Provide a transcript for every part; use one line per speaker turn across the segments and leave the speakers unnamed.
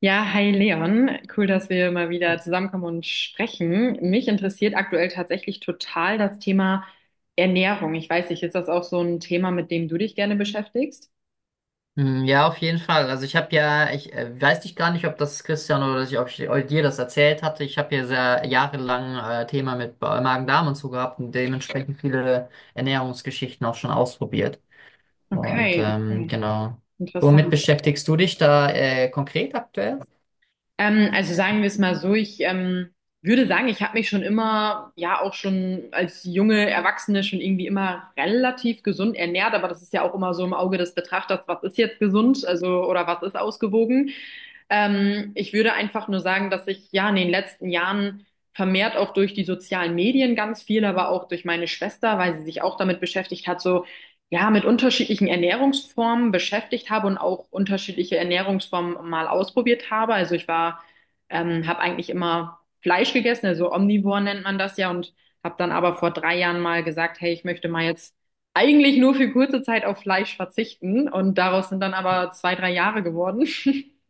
Ja, hi Leon. Cool, dass wir mal wieder zusammenkommen und sprechen. Mich interessiert aktuell tatsächlich total das Thema Ernährung. Ich weiß nicht, ist das auch so ein Thema, mit dem du dich gerne beschäftigst?
Hm, ja, auf jeden Fall. Also ich habe ja, ich weiß nicht gar nicht, ob das Christian oder ich, ob ich dir das erzählt hatte. Ich habe ja sehr jahrelang Thema mit Magen-Darm und so gehabt und dementsprechend viele Ernährungsgeschichten auch schon ausprobiert.
Okay, okay.
Genau. Womit
Interessant.
beschäftigst du dich da konkret aktuell?
Also sagen wir es mal so, ich würde sagen, ich habe mich schon immer, ja auch schon als junge Erwachsene schon irgendwie immer relativ gesund ernährt, aber das ist ja auch immer so im Auge des Betrachters, was ist jetzt gesund, also oder was ist ausgewogen. Ich würde einfach nur sagen, dass ich ja in den letzten Jahren vermehrt auch durch die sozialen Medien ganz viel, aber auch durch meine Schwester, weil sie sich auch damit beschäftigt hat, so ja, mit unterschiedlichen Ernährungsformen beschäftigt habe und auch unterschiedliche Ernährungsformen mal ausprobiert habe. Also ich war, habe eigentlich immer Fleisch gegessen, also omnivor nennt man das ja, und habe dann aber vor drei Jahren mal gesagt, hey, ich möchte mal jetzt eigentlich nur für kurze Zeit auf Fleisch verzichten. Und daraus sind dann aber zwei, drei Jahre geworden.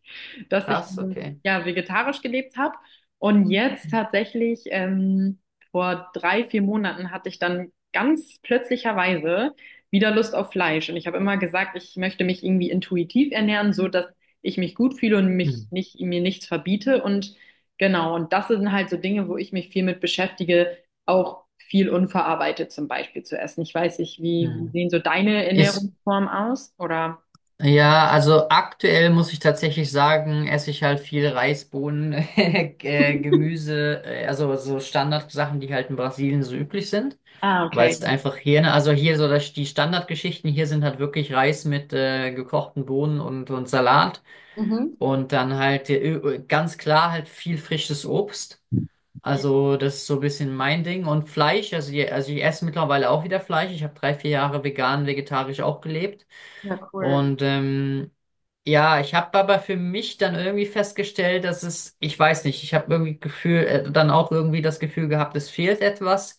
dass ich
Das, okay.
Ja, vegetarisch gelebt habe. Und jetzt tatsächlich, vor drei, vier Monaten hatte ich dann ganz plötzlicherweise wieder Lust auf Fleisch. Und ich habe immer gesagt, ich möchte mich irgendwie intuitiv ernähren, so dass ich mich gut fühle und mich
Hm.
nicht, mir nichts verbiete. Und genau, und das sind halt so Dinge, wo ich mich viel mit beschäftige, auch viel unverarbeitet zum Beispiel zu essen. Ich weiß nicht, wie, wie
Hm.
sehen so deine
Isst
Ernährungsformen aus? Oder?
Ja, also aktuell muss ich tatsächlich sagen, esse ich halt viel Reisbohnen, Gemüse, also so Standardsachen, die halt in Brasilien so üblich sind,
Ah,
weil
okay.
es einfach hier, ne, die Standardgeschichten hier sind halt wirklich Reis mit gekochten Bohnen und Salat
Mhm.
und dann halt ganz klar halt viel frisches Obst. Also das ist so ein bisschen mein Ding und Fleisch, also, also ich esse mittlerweile auch wieder Fleisch. Ich habe 3, 4 Jahre vegan, vegetarisch auch gelebt.
Ja, cool.
Und ähm, ja, ich habe aber für mich dann irgendwie festgestellt, ich weiß nicht, ich habe irgendwie Gefühl, dann auch irgendwie das Gefühl gehabt, es fehlt etwas.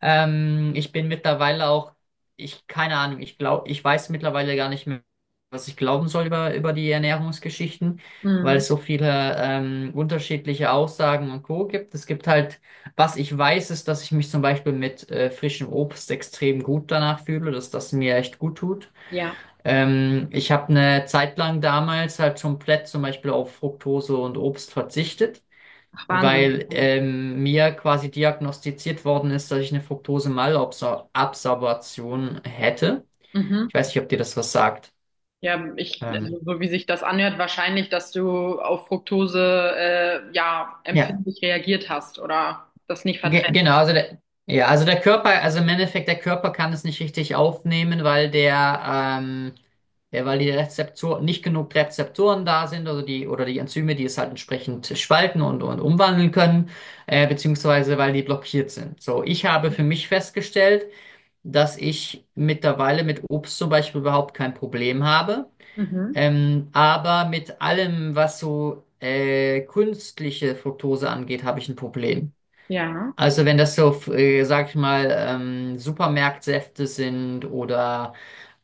Ich bin mittlerweile auch, ich, keine Ahnung, ich glaube, ich weiß mittlerweile gar nicht mehr, was ich glauben soll über die Ernährungsgeschichten, weil
Mhm.
es so viele unterschiedliche Aussagen und Co. gibt. Es gibt halt, was ich weiß, ist, dass ich mich zum Beispiel mit frischem Obst extrem gut danach fühle, dass das mir echt gut tut.
Ja,
Ich habe eine Zeit lang damals halt komplett zum Beispiel auf Fructose und Obst verzichtet,
ach Wahnsinn.
weil mir quasi diagnostiziert worden ist, dass ich eine Fructose-Malabsorption hätte.
Mhm.
Ich weiß nicht, ob dir das was sagt.
Ja, ich, also
Ähm,
so wie sich das anhört, wahrscheinlich, dass du auf Fructose ja
ja,
empfindlich reagiert hast oder das nicht
Ge
verträgst.
genau, ja, also der Körper, also im Endeffekt, der Körper kann es nicht richtig aufnehmen, ähm, weil die Rezeptoren, nicht genug Rezeptoren da sind, also die, oder die Enzyme, die es halt entsprechend spalten und umwandeln können, beziehungsweise weil die blockiert sind. So, ich habe für mich festgestellt, dass ich mittlerweile mit Obst zum Beispiel überhaupt kein Problem habe.
Mhm.
Aber mit allem, was so künstliche Fructose angeht, habe ich ein Problem.
Ja.
Also wenn das so, sag ich mal, Supermarktsäfte sind oder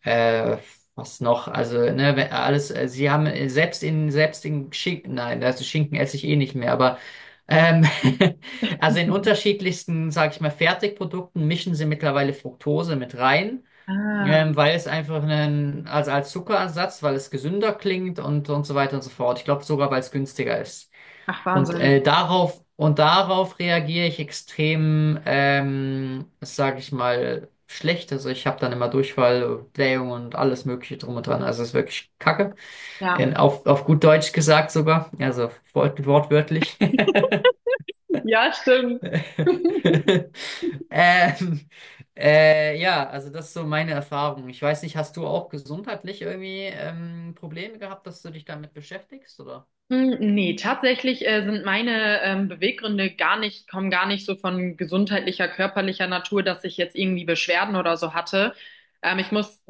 äh, also ne, wenn alles, sie haben selbst in Schinken, nein, also Schinken esse ich eh nicht mehr, aber ähm, also in unterschiedlichsten, sag ich mal, Fertigprodukten mischen sie mittlerweile Fructose mit rein,
Ah,
weil es einfach also als Zuckerersatz, weil es gesünder klingt und so weiter und so fort. Ich glaube sogar, weil es günstiger ist.
ach
Und
Wahnsinn.
darauf reagiere ich extrem, sage ich mal, schlecht. Also ich habe dann immer Durchfall, Blähung und alles Mögliche drum und dran. Also es ist wirklich Kacke.
Ja.
Auf gut Deutsch gesagt sogar. Also wortwörtlich.
Ja, stimmt.
Ähm, ja, also das ist so meine Erfahrung. Ich weiß nicht, hast du auch gesundheitlich irgendwie Probleme gehabt, dass du dich damit beschäftigst, oder?
Hm, nee, tatsächlich sind meine Beweggründe gar nicht, kommen gar nicht so von gesundheitlicher, körperlicher Natur, dass ich jetzt irgendwie Beschwerden oder so hatte. Ich muss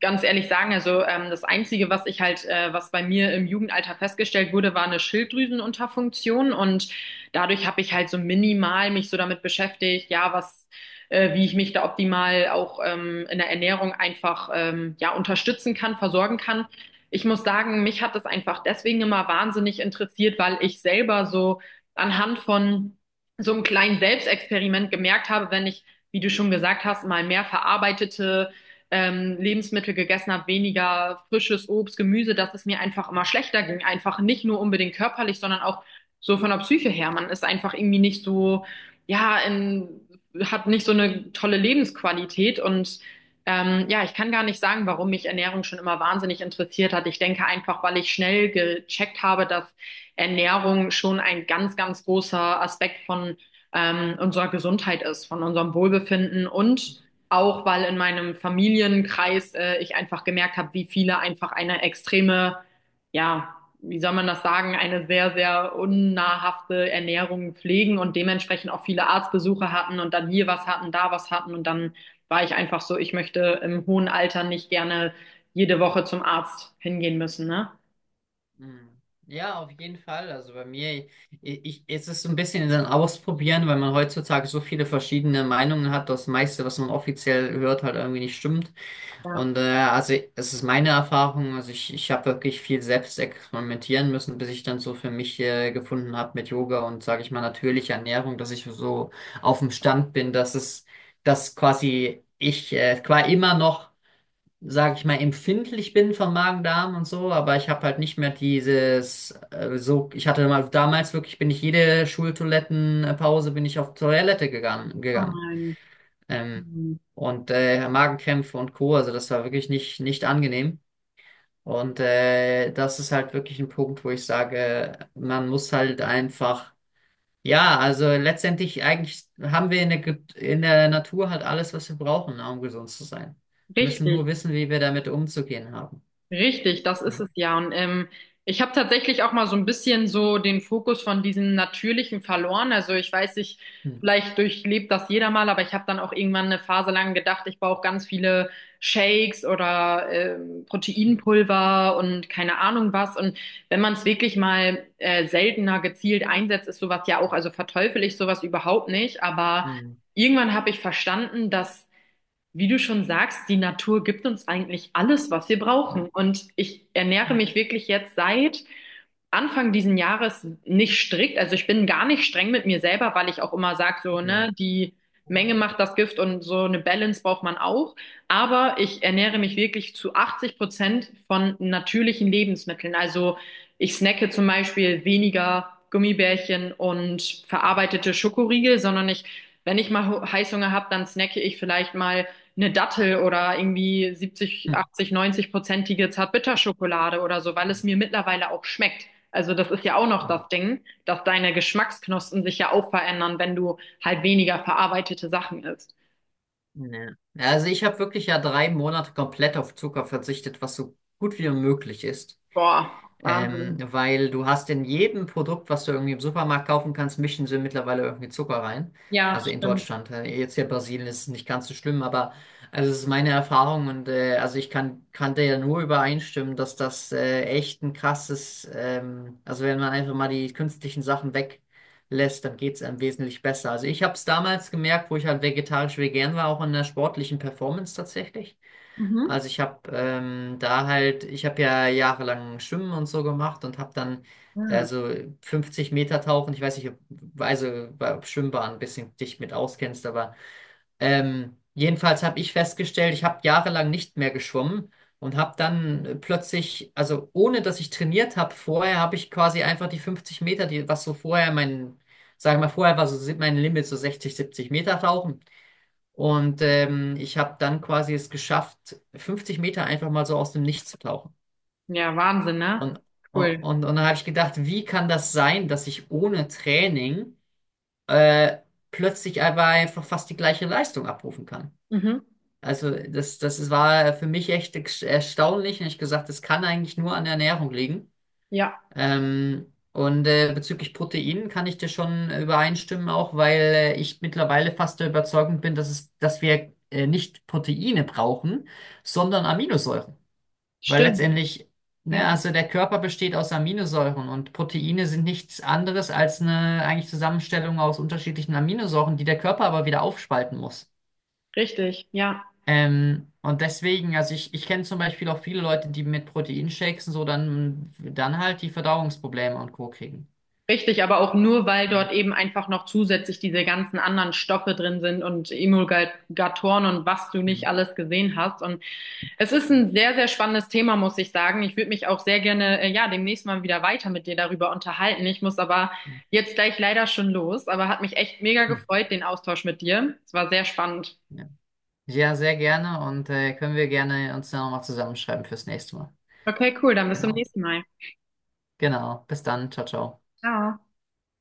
ganz ehrlich sagen, also das Einzige, was ich halt, was bei mir im Jugendalter festgestellt wurde, war eine Schilddrüsenunterfunktion, und dadurch habe ich halt so minimal mich so damit beschäftigt, ja, was, wie ich mich da optimal auch in der Ernährung einfach ja unterstützen kann, versorgen kann. Ich muss sagen, mich hat das einfach deswegen immer wahnsinnig interessiert, weil ich selber so anhand von so einem kleinen Selbstexperiment gemerkt habe, wenn ich, wie du schon gesagt hast, mal mehr verarbeitete Lebensmittel gegessen habe, weniger frisches Obst, Gemüse, dass es mir einfach immer schlechter ging. Einfach nicht nur unbedingt körperlich, sondern auch so von der Psyche her. Man ist einfach irgendwie nicht
Mhm.
so, ja, in, hat nicht so eine tolle Lebensqualität. Und ja, ich kann gar nicht sagen, warum mich Ernährung schon immer wahnsinnig interessiert hat. Ich denke einfach, weil ich schnell gecheckt habe, dass Ernährung schon ein ganz, ganz großer Aspekt von unserer Gesundheit ist, von unserem Wohlbefinden, und auch, weil in meinem Familienkreis ich einfach gemerkt habe, wie viele einfach eine extreme, ja, wie soll man das sagen, eine sehr, sehr unnahrhafte Ernährung pflegen und dementsprechend auch viele Arztbesuche hatten und dann hier was hatten, da was hatten, und dann war ich einfach so, ich möchte im hohen Alter nicht gerne jede Woche zum Arzt hingehen müssen, ne?
Mhm. Ja, auf jeden Fall. Also bei mir, ich, es ist so ein bisschen ein Ausprobieren, weil man heutzutage so viele verschiedene Meinungen hat, dass das meiste, was man offiziell hört, halt irgendwie nicht stimmt.
Ja,
Und also es ist meine Erfahrung, ich habe wirklich viel selbst experimentieren müssen, bis ich dann so für mich gefunden habe mit Yoga und, sage ich mal, natürlicher Ernährung, dass ich so auf dem Stand bin, dass quasi ich quasi immer noch sag ich mal, empfindlich bin vom Magen-Darm und so, aber ich habe halt nicht mehr dieses, so, ich hatte mal damals wirklich, bin ich auf Toilette gegangen,
oh
gegangen.
nein.
Ähm,
Hm.
und Magenkrämpfe und Co., also das war wirklich nicht angenehm. Und das ist halt wirklich ein Punkt, wo ich sage, man muss halt einfach, ja, also letztendlich eigentlich haben wir in der, in der Natur halt alles, was wir brauchen, ne, um gesund zu sein. Wir müssen nur
Richtig.
wissen, wie wir damit umzugehen haben.
Richtig, das ist
Ja.
es ja. Und ich habe tatsächlich auch mal so ein bisschen so den Fokus von diesem Natürlichen verloren. Also ich weiß nicht,
Hm,
vielleicht durchlebt das jeder mal, aber ich habe dann auch irgendwann eine Phase lang gedacht, ich brauche ganz viele Shakes oder Proteinpulver und keine Ahnung was. Und wenn man es wirklich mal seltener gezielt einsetzt, ist sowas ja auch, also verteufel ich sowas überhaupt nicht, aber
hm,
irgendwann habe ich verstanden, dass, wie du schon sagst, die Natur gibt uns eigentlich alles, was wir
ja.
brauchen. Und ich ernähre
Hm,
mich wirklich jetzt seit Anfang diesen Jahres nicht strikt. Also ich bin gar nicht streng mit mir selber, weil ich auch immer sage, so,
hm,
ne, die Menge macht das Gift, und so eine Balance braucht man auch. Aber ich ernähre mich wirklich zu 80% von natürlichen Lebensmitteln. Also ich snacke zum Beispiel weniger Gummibärchen und verarbeitete Schokoriegel, sondern ich, wenn ich mal Heißhunger habe, dann snacke ich vielleicht mal eine Dattel oder irgendwie 70,
hm,
80, 90-prozentige Zartbitterschokolade oder so, weil
hm,
es mir mittlerweile auch schmeckt. Also das ist ja auch noch
hm.
das Ding, dass deine Geschmacksknospen sich ja auch verändern, wenn du halt weniger verarbeitete Sachen isst.
Ja. Also ich habe wirklich ja 3 Monate komplett auf Zucker verzichtet, was so gut wie möglich ist.
Boah, Wahnsinn.
Weil du hast in jedem Produkt, was du irgendwie im Supermarkt kaufen kannst, mischen sie mittlerweile irgendwie Zucker rein.
Ja,
Also in
stimmt.
Deutschland. Jetzt hier in Brasilien ist es nicht ganz so schlimm, aber also es ist meine Erfahrung und also ich kann dir ja nur übereinstimmen, dass das echt ein krasses, also wenn man einfach mal die künstlichen Sachen weglässt, dann geht es einem wesentlich besser. Also ich habe es damals gemerkt, wo ich halt vegetarisch vegan war, auch in der sportlichen Performance tatsächlich.
Mhm.
Also ich habe ich habe ja jahrelang Schwimmen und so gemacht und habe dann
Ja.
also 50 Meter Tauchen, ich weiß nicht, ob, also ob Schwimmbahn ein bisschen dich mit auskennst, aber jedenfalls habe ich festgestellt, ich habe jahrelang nicht mehr geschwommen und habe dann plötzlich, also ohne dass ich trainiert habe, vorher habe ich quasi einfach die 50 Meter, die was so vorher mein, sagen wir mal, vorher war so mein Limit so 60, 70 Meter Tauchen. Und ich habe dann quasi es geschafft, 50 Meter einfach mal so aus dem Nichts zu tauchen.
Ja, Wahnsinn, ne?
Und, und,
Cool.
und dann habe ich gedacht, wie kann das sein, dass ich ohne Training äh, plötzlich aber einfach fast die gleiche Leistung abrufen kann?
Mhm.
Das war für mich echt erstaunlich. Und ich gesagt, das kann eigentlich nur an der Ernährung liegen.
Ja,
Bezüglich Proteinen kann ich dir schon übereinstimmen, auch weil ich mittlerweile fast der Überzeugung bin, dass wir nicht Proteine brauchen, sondern Aminosäuren. Weil
stimmt.
letztendlich, ne,
Ja,
also der Körper besteht aus Aminosäuren und Proteine sind nichts anderes als eine eigentlich Zusammenstellung aus unterschiedlichen Aminosäuren, die der Körper aber wieder aufspalten muss.
richtig. Ja,
Und deswegen, ich kenne zum Beispiel auch viele Leute, die mit Proteinshakes und so dann halt die Verdauungsprobleme und Co. kriegen.
richtig. Aber auch nur, weil dort eben einfach noch zusätzlich diese ganzen anderen Stoffe drin sind und Emulgatoren und was du
Hm,
nicht alles gesehen hast. Und es ist
hm,
ein sehr, sehr spannendes Thema, muss ich sagen. Ich würde mich auch sehr gerne, ja, demnächst mal wieder weiter mit dir darüber unterhalten. Ich muss aber
hm,
jetzt gleich leider schon los, aber hat mich echt mega
hm.
gefreut, den Austausch mit dir. Es war sehr spannend.
Ja, ja, sehr gerne und können wir gerne uns dann nochmal zusammenschreiben fürs nächste Mal.
Okay, cool, dann bis zum
Genau.
nächsten Mal.
Genau. Bis dann. Ciao, ciao.
Ciao.